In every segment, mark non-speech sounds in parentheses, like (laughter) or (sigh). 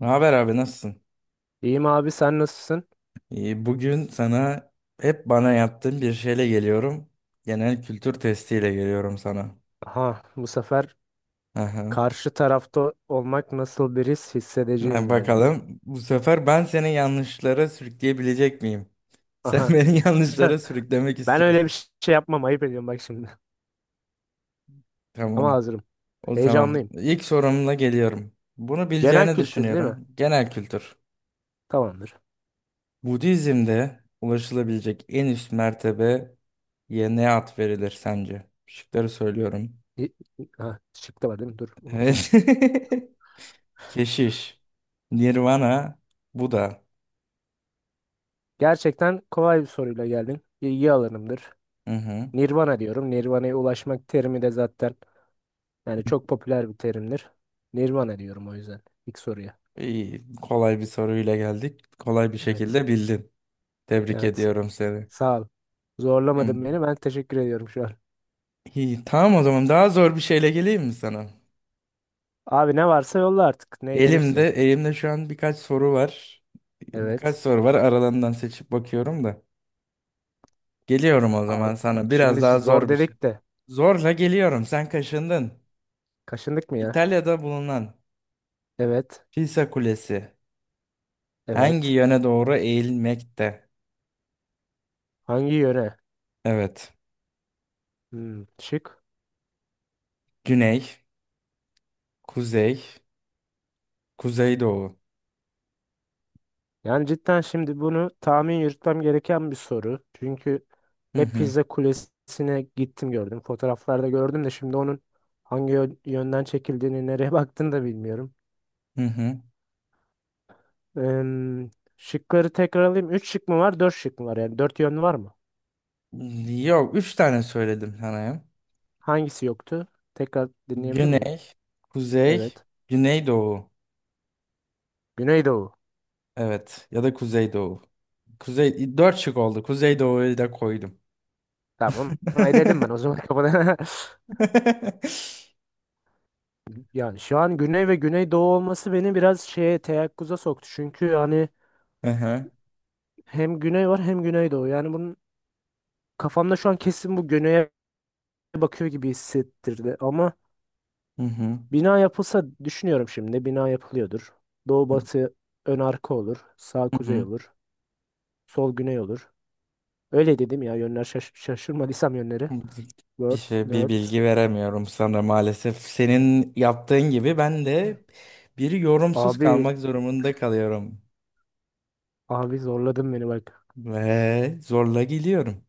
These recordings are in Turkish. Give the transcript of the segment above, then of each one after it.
Ne haber abi nasılsın? İyiyim abi sen nasılsın? İyi, bugün sana hep bana yaptığın bir şeyle geliyorum. Genel kültür testiyle geliyorum sana. Aha, bu sefer Aha. karşı tarafta olmak nasıl bir his Ha, hissedeceğim galiba. bakalım bu sefer ben seni yanlışlara sürükleyebilecek miyim? Sen (laughs) Aha. beni yanlışlara (laughs) sürüklemek Ben öyle istiyorsun. bir şey yapmam, ayıp ediyorum bak şimdi. (laughs) Ama Tamam. hazırım. O tamam. Heyecanlıyım. İlk sorumla geliyorum. Bunu Genel bileceğini kültür değil mi? düşünüyorum. Genel kültür. Tamamdır. Budizm'de ulaşılabilecek en üst mertebeye ne ad verilir sence? Şıkları söylüyorum. İ- Ha, şık da var değil mi? Dur unuttum. Evet. (laughs) Keşiş. Nirvana. Buda. Gerçekten kolay bir soruyla geldin. İlgi alanımdır. Hı hı. Nirvana diyorum. Nirvana'ya ulaşmak terimi de zaten çok popüler bir terimdir. Nirvana diyorum o yüzden. İlk soruya. İyi, kolay bir soruyla geldik. Kolay bir Evet. şekilde bildin. Tebrik Evet. ediyorum seni. Sağ ol. Hı. Zorlamadın beni. Ben teşekkür ediyorum şu an. İyi, tamam o zaman daha zor bir şeyle geleyim mi sana? Abi ne varsa yolla artık. Ne Elimde, gelirse. elimde şu an birkaç soru var. Birkaç Evet. soru var. Aralarından seçip bakıyorum da. Geliyorum o zaman Abi. sana. Şimdi Biraz daha zor zor bir şey. dedik de. Zorla geliyorum. Sen kaşındın. Kaşındık mı ya? İtalya'da bulunan Evet. Pisa Kulesi hangi Evet. yöne doğru eğilmekte? Hangi yöne? Evet. Şık. Güney. Kuzey. Kuzeydoğu. Yani cidden şimdi bunu tahmin yürütmem gereken bir soru. Çünkü Hı ne hı. Pizza Kulesi'ne gittim gördüm. Fotoğraflarda gördüm de şimdi onun yönden çekildiğini, nereye (laughs) baktığını da bilmiyorum. Hı hı. Em, şıkları tekrar alayım. 3 şık mı var, dört şık mı var? Yani 4 yön var mı? Yok, üç tane söyledim sana ya. Hangisi yoktu? Tekrar dinleyebilir miyim? Güney, kuzey, Evet. güneydoğu. Güneydoğu. Evet, ya da kuzeydoğu. Kuzey, dört şık oldu. Kuzeydoğu'yu da koydum. (laughs) Tamam. Onu eledim ben o zaman (laughs) kafadan. Yani şu an güney ve güneydoğu olması beni biraz şeye, teyakkuza soktu. Çünkü yani Hı hı. hem güney var hem güneydoğu. Yani bunun kafamda şu an kesin bu güneye bakıyor gibi hissettirdi. Ama Hı hı. bina yapılsa düşünüyorum şimdi. Bina yapılıyordur. Doğu batı ön arka olur. Sağ Hı kuzey hı. olur. Sol güney olur. Öyle dedim ya, yönler şaşırmadıysam yönleri. Bir Word, şey, bir nerd. bilgi veremiyorum sana maalesef. Senin yaptığın gibi ben de bir yorumsuz Abi, kalmak zorunda kalıyorum. abi zorladın beni bak. Ve zorla gidiyorum.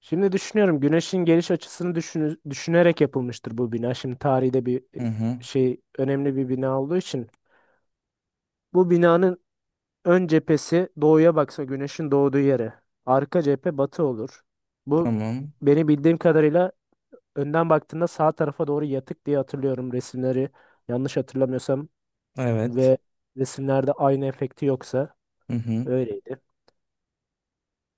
Şimdi düşünüyorum, güneşin geliş açısını düşünerek yapılmıştır bu bina. Şimdi tarihte bir Hı hı. şey önemli bir bina olduğu için bu binanın ön cephesi doğuya baksa, güneşin doğduğu yere. Arka cephe batı olur. Bu, Tamam. beni bildiğim kadarıyla önden baktığında sağ tarafa doğru yatık diye hatırlıyorum resimleri. Yanlış hatırlamıyorsam Evet. ve resimlerde aynı efekti yoksa Hı hı. öyleydi.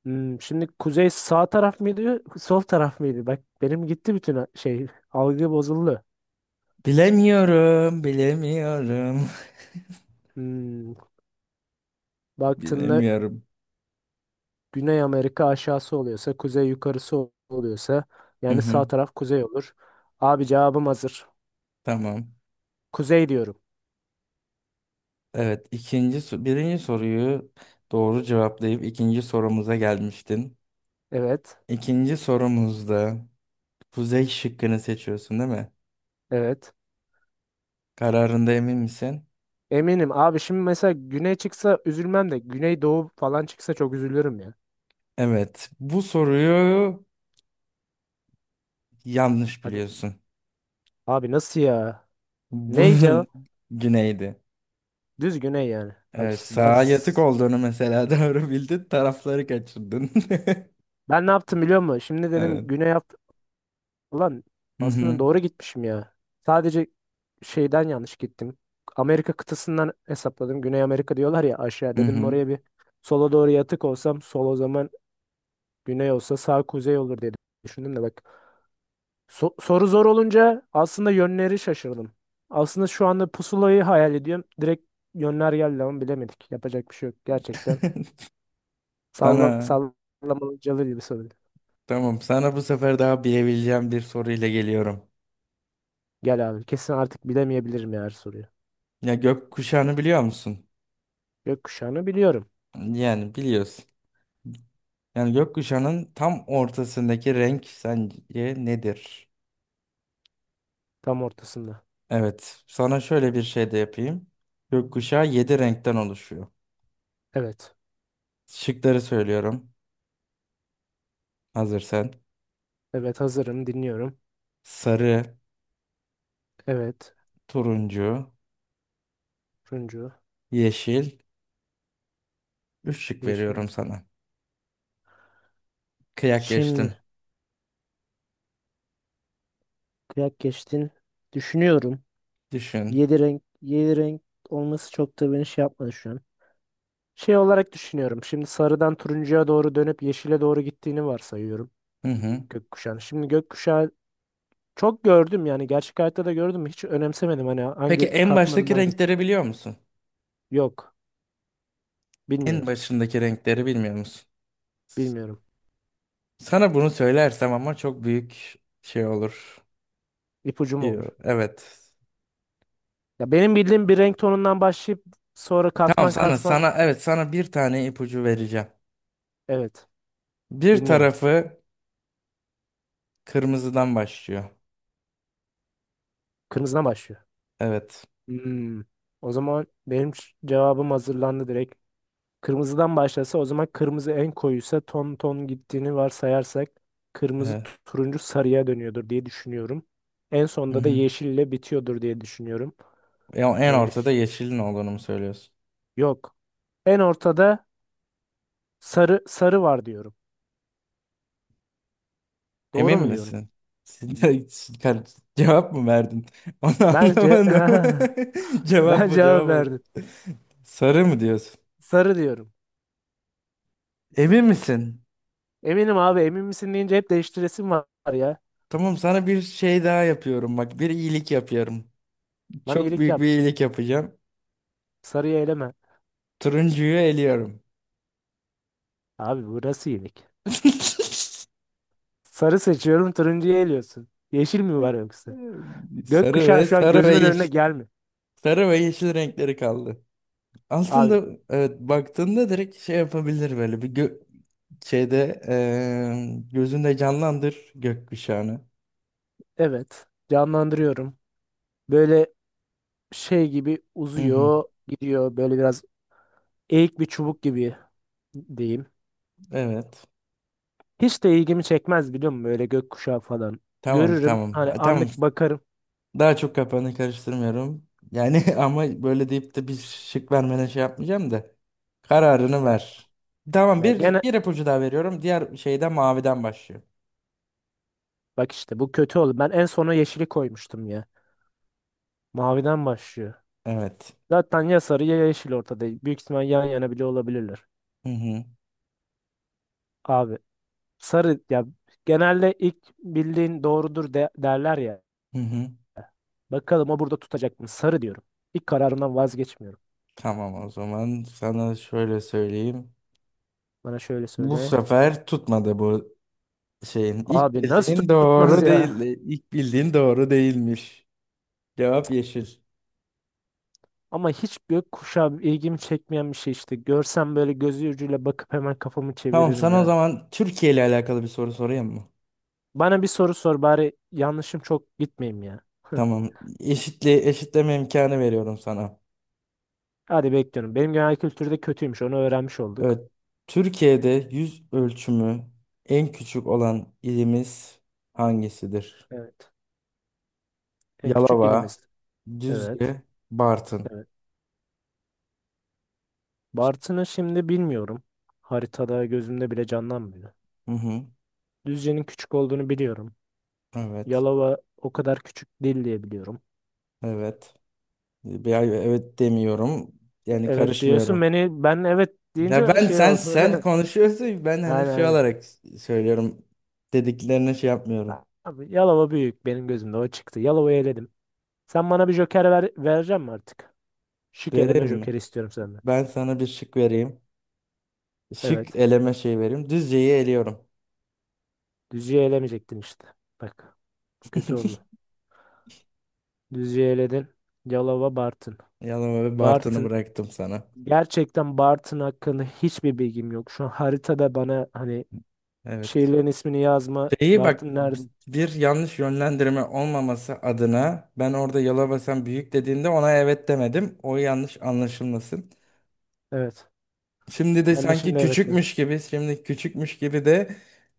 Şimdi kuzey sağ taraf mıydı, sol taraf mıydı? Bak benim gitti bütün algı bozuldu. Bilemiyorum. Bilemiyorum. Hmm, (laughs) baktığında Bilemiyorum. Güney Amerika aşağısı oluyorsa, kuzey yukarısı oluyorsa, Hı yani hı. sağ taraf kuzey olur. Abi cevabım hazır. Tamam. Kuzey diyorum. Evet. Birinci soruyu doğru cevaplayıp ikinci sorumuza gelmiştin. Evet, İkinci sorumuzda kuzey şıkkını seçiyorsun, değil mi? evet. Kararında emin misin? Eminim abi, şimdi mesela güney çıksa üzülmem de güney doğu falan çıksa çok üzülürüm ya. Evet. Bu soruyu yanlış Hadi. biliyorsun. Abi nasıl ya? Bu Ney cevap? (laughs) güneydi. Düz güney yani. Bak Evet, işte ben sağa yatık s- olduğunu mesela (laughs) doğru bildin, tarafları kaçırdın. (laughs) ben ne yaptım biliyor musun? Şimdi dedim Evet. güney, ulan Hı aslında hı. doğru gitmişim ya. Sadece şeyden yanlış gittim. Amerika kıtasından hesapladım. Güney Amerika diyorlar ya aşağı. Hı Dedim hı. oraya bir sola doğru yatık olsam, sol o zaman güney olsa sağ kuzey olur diye düşündüm de bak. Soru zor olunca aslında yönleri şaşırdım. Aslında şu anda pusulayı hayal ediyorum. Direkt yönler geldi ama bilemedik. Yapacak bir şey yok gerçekten. (laughs) Salla Sana sallamacalı gibi soru. tamam sana bu sefer daha bilebileceğim bir soruyla geliyorum. Gel abi, kesin artık bilemeyebilirim ya her soruyu. Ya gökkuşağını biliyor musun? Gökkuşağını biliyorum, Yani biliyorsun. Yani gökkuşağının tam ortasındaki renk sence nedir? tam ortasında. Evet. Sana şöyle bir şey de yapayım. Gökkuşağı 7 renkten oluşuyor. Evet. Şıkları söylüyorum. Hazır sen. Evet hazırım, dinliyorum. Sarı, Evet. turuncu, Turuncu, yeşil. Üç şık yeşil. veriyorum sana. Kıyak geçtim. Şimdi kıyak geçtin. Düşünüyorum. Düşün. Yedi renk, yedi renk olması çok da beni şey yapmadı şu an. Şey olarak düşünüyorum. Şimdi sarıdan turuncuya doğru dönüp yeşile doğru gittiğini varsayıyorum Hı hı. gökkuşağını. Şimdi gökkuşağı çok gördüm, yani gerçek hayatta da gördüm. Hiç önemsemedim hani Peki hangi en katmanından baştaki hangi. renkleri biliyor musun? Yok. En Bilmiyorum. başındaki renkleri bilmiyor musun? Bilmiyorum. Sana bunu söylersem ama çok büyük şey olur. İpucu mu olur? Evet. Ya benim bildiğim bir renk tonundan başlayıp sonra Tamam katman sana katman. sana evet sana bir tane ipucu vereceğim. Evet. Bir Dinliyorum. tarafı kırmızıdan başlıyor. Kırmızıdan başlıyor. Evet. Hmm. O zaman benim cevabım hazırlandı direkt. Kırmızıdan başlasa, o zaman kırmızı en koyuysa ton ton gittiğini varsayarsak kırmızı Evet. Turuncu sarıya dönüyordur diye düşünüyorum. En Hı sonda da hı. yeşille bitiyordur diye düşünüyorum. Ya en Ee, ortada ş- yeşilin olduğunu mu söylüyorsun? Yok. En ortada sarı var diyorum. Emin Doğru mu diyorum? misin? Siz de- (laughs) siz- kar- Cevap mı verdin? (laughs) Onu Bence anlamadım. (laughs) (laughs) Cevap ben bu cevap cevap. Verdim. Sarı mı diyorsun? Sarı diyorum. Emin misin? Eminim abi, emin misin deyince hep değiştiresim var ya. Tamam sana bir şey daha yapıyorum, bak bir iyilik yapıyorum. Bana Çok iyilik büyük bir yap. iyilik yapacağım. Sarıyı eleme. Turuncuyu eliyorum. Abi burası iyilik. (laughs) Sarı seçiyorum, turuncuyu eliyorsun. Yeşil mi var yoksa? Sarı Gökkuşağı ve şu an sarı ve gözümün önüne yeşil. gelmiyor. Sarı ve yeşil renkleri kaldı. Abi Aslında evet baktığında direkt şey yapabilir böyle bir gö şeyde gözünde canlandır gökkuşağını. evet, canlandırıyorum. Böyle şey gibi Hı hı, uzuyor gidiyor, böyle biraz eğik bir çubuk gibi diyeyim. evet. Hiç de ilgimi çekmez biliyor musun böyle gökkuşağı falan. Tamam Görürüm tamam. hani, Tamam. anlık bakarım. Daha çok kapağını karıştırmıyorum. Yani (laughs) ama böyle deyip de bir şık vermene şey yapmayacağım da. Kararını Ya, ver. Tamam ya bir, gene bir ipucu daha veriyorum. Diğer şeyde maviden başlıyor. bak işte bu kötü oldu. Ben en sona yeşili koymuştum ya. Maviden başlıyor. Evet. Zaten ya sarı ya yeşil ortada. Büyük ihtimal yan yana bile olabilirler. Hı hı. Abi, sarı ya, genelde ilk bildiğin doğrudur derler ya. Hı hı. Bakalım o burada tutacak mı? Sarı diyorum. İlk kararımdan vazgeçmiyorum. Tamam o zaman sana şöyle söyleyeyim. Bana şöyle Bu söyle. sefer tutmadı bu şeyin. İlk Abi nasıl bildiğin tutmaz doğru ya? değildi. İlk bildiğin doğru değilmiş. Cevap yeşil. Ama hiç gökkuşağı ilgimi çekmeyen bir şey işte. Görsem böyle gözü ucuyla bakıp hemen kafamı Tamam çeviririm sana o yani. zaman Türkiye ile alakalı bir soru sorayım mı? Bana bir soru sor bari, yanlışım çok gitmeyeyim ya. (laughs) Tamam. Eşitle, eşitleme imkanı veriyorum sana. Hadi bekliyorum. Benim genel kültürde kötüymüş, onu öğrenmiş olduk. Evet, Türkiye'de yüz ölçümü en küçük olan ilimiz hangisidir? Evet. En küçük Yalova, ilimiz. Evet. Düzce, Bartın. Evet. Bartın'ı şimdi bilmiyorum. Haritada gözümde bile canlanmıyor. Hı hı. Düzce'nin küçük olduğunu biliyorum. Evet, Yalova o kadar küçük değil diye biliyorum. evet. Evet demiyorum. Yani Evet diyorsun, karışmıyorum. beni ben evet Ya deyince ben şey sen oldu. sen konuşuyorsun. Ben (laughs) hani Aynen, şey aynen. olarak söylüyorum. Dediklerine şey yapmıyorum. Abi, Yalova büyük benim gözümde, o çıktı. Yalova'yı eledim. Sen bana bir joker ver, vereceğim mi artık? Şık eleme Vereyim mi? joker istiyorum senden. Ben sana bir şık vereyim. Şık Evet. eleme şey vereyim. Düzce'yi eliyorum. Düzce'yi elemeyecektin işte. Bak. Bu kötü oldu. Düzce'yi eledin. Yalova, Bartın. Yalova ve Bartın'ı Bartın, bıraktım sana. gerçekten Bartın hakkında hiçbir bilgim yok. Şu an haritada bana hani Evet. şehirlerin ismini yazma. Şeyi bak Bartın bi- nerede? bir yanlış yönlendirme olmaması adına ben orada Yalabasan büyük dediğinde ona evet demedim. O yanlış anlaşılmasın. Evet. Şimdi de Ben de sanki şimdi evet dedim. küçükmüş gibi, şimdi küçükmüş gibi de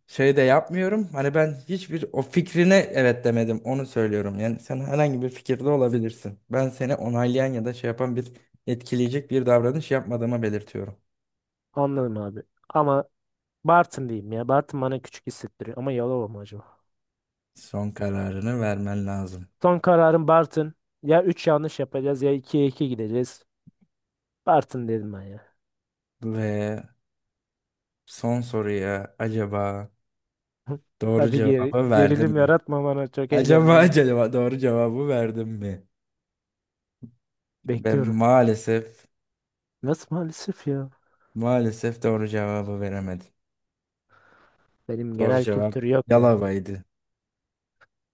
şey de yapmıyorum. Hani ben hiçbir o fikrine evet demedim. Onu söylüyorum. Yani sen herhangi bir fikirde olabilirsin. Ben seni onaylayan ya da şey yapan bir etkileyecek bir davranış yapmadığımı belirtiyorum. Anladım abi. Ama Bartın diyeyim ya. Bartın bana küçük hissettiriyor. Ama Yalova mı acaba? Son kararını vermen lazım. Son kararım Bartın. Ya 3 yanlış yapacağız ya 2'ye 2 gideceğiz. Bartın dedim ben ya. Ve son soruya acaba doğru Hadi cevabı verdim gerilim mi? yaratma bana. Çok Acaba heyecanlandım. acaba doğru cevabı verdim mi? Ben Bekliyorum. maalesef Nasıl maalesef ya? maalesef doğru cevabı veremedim. Benim Doğru genel cevap kültür yok ya. Yalova'ydı.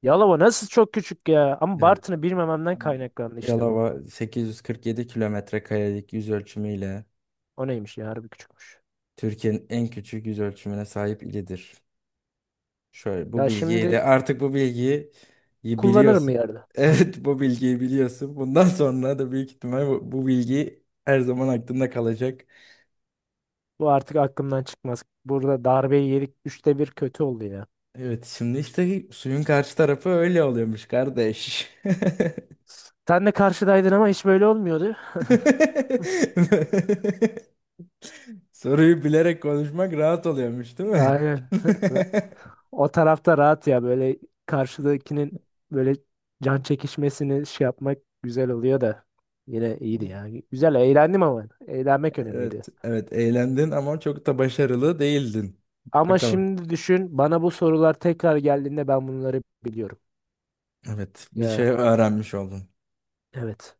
Yalova nasıl çok küçük ya? Ama Evet. Bartın'ı bilmememden kaynaklandı işte bu. Yalova 847 kilometre karelik yüz ölçümüyle O neymiş ya, harbi küçükmüş. Türkiye'nin en küçük yüz ölçümüne sahip ilidir. Şöyle bu Ya bilgiyi şimdi de artık bu bilgiyi kullanırım mı biliyorsun. (laughs) yerde. Evet, bu bilgiyi biliyorsun. Bundan sonra da büyük ihtimal bu bilgi her zaman aklında kalacak. Bu artık aklımdan çıkmaz. Burada darbeyi yedik. Üçte bir kötü oldu ya. Evet, şimdi işte suyun karşı tarafı öyle oluyormuş kardeş. (laughs) Sen de karşıdaydın ama hiç böyle olmuyordu. Soruyu bilerek konuşmak rahat oluyormuş, değil (laughs) mi? Aynen. (laughs) (laughs) O tarafta rahat ya, böyle karşıdakinin böyle can çekişmesini şey yapmak güzel oluyor da, yine iyiydi ya. Güzel eğlendim, ama eğlenmek önemliydi. Evet, evet eğlendin ama çok da başarılı değildin. Ama Bakalım. şimdi düşün, bana bu sorular tekrar geldiğinde ben bunları biliyorum. Evet, bir şey Ya öğrenmiş oldun. evet.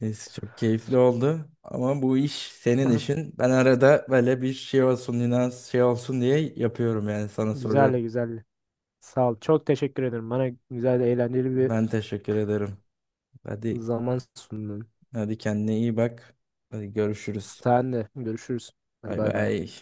Neyse çok keyifli oldu ama bu iş senin (laughs) işin. Ben arada böyle bir şey olsun, inanç şey olsun diye yapıyorum, yani sana soruyorum. Güzel, güzel. Sağ ol. Çok teşekkür ederim. Bana güzel, eğlenceli bir Ben teşekkür ederim. Hadi zaman sundun. Hadi kendine iyi bak. Hadi görüşürüz. Sen de görüşürüz. Hadi Bay bay bay. bay.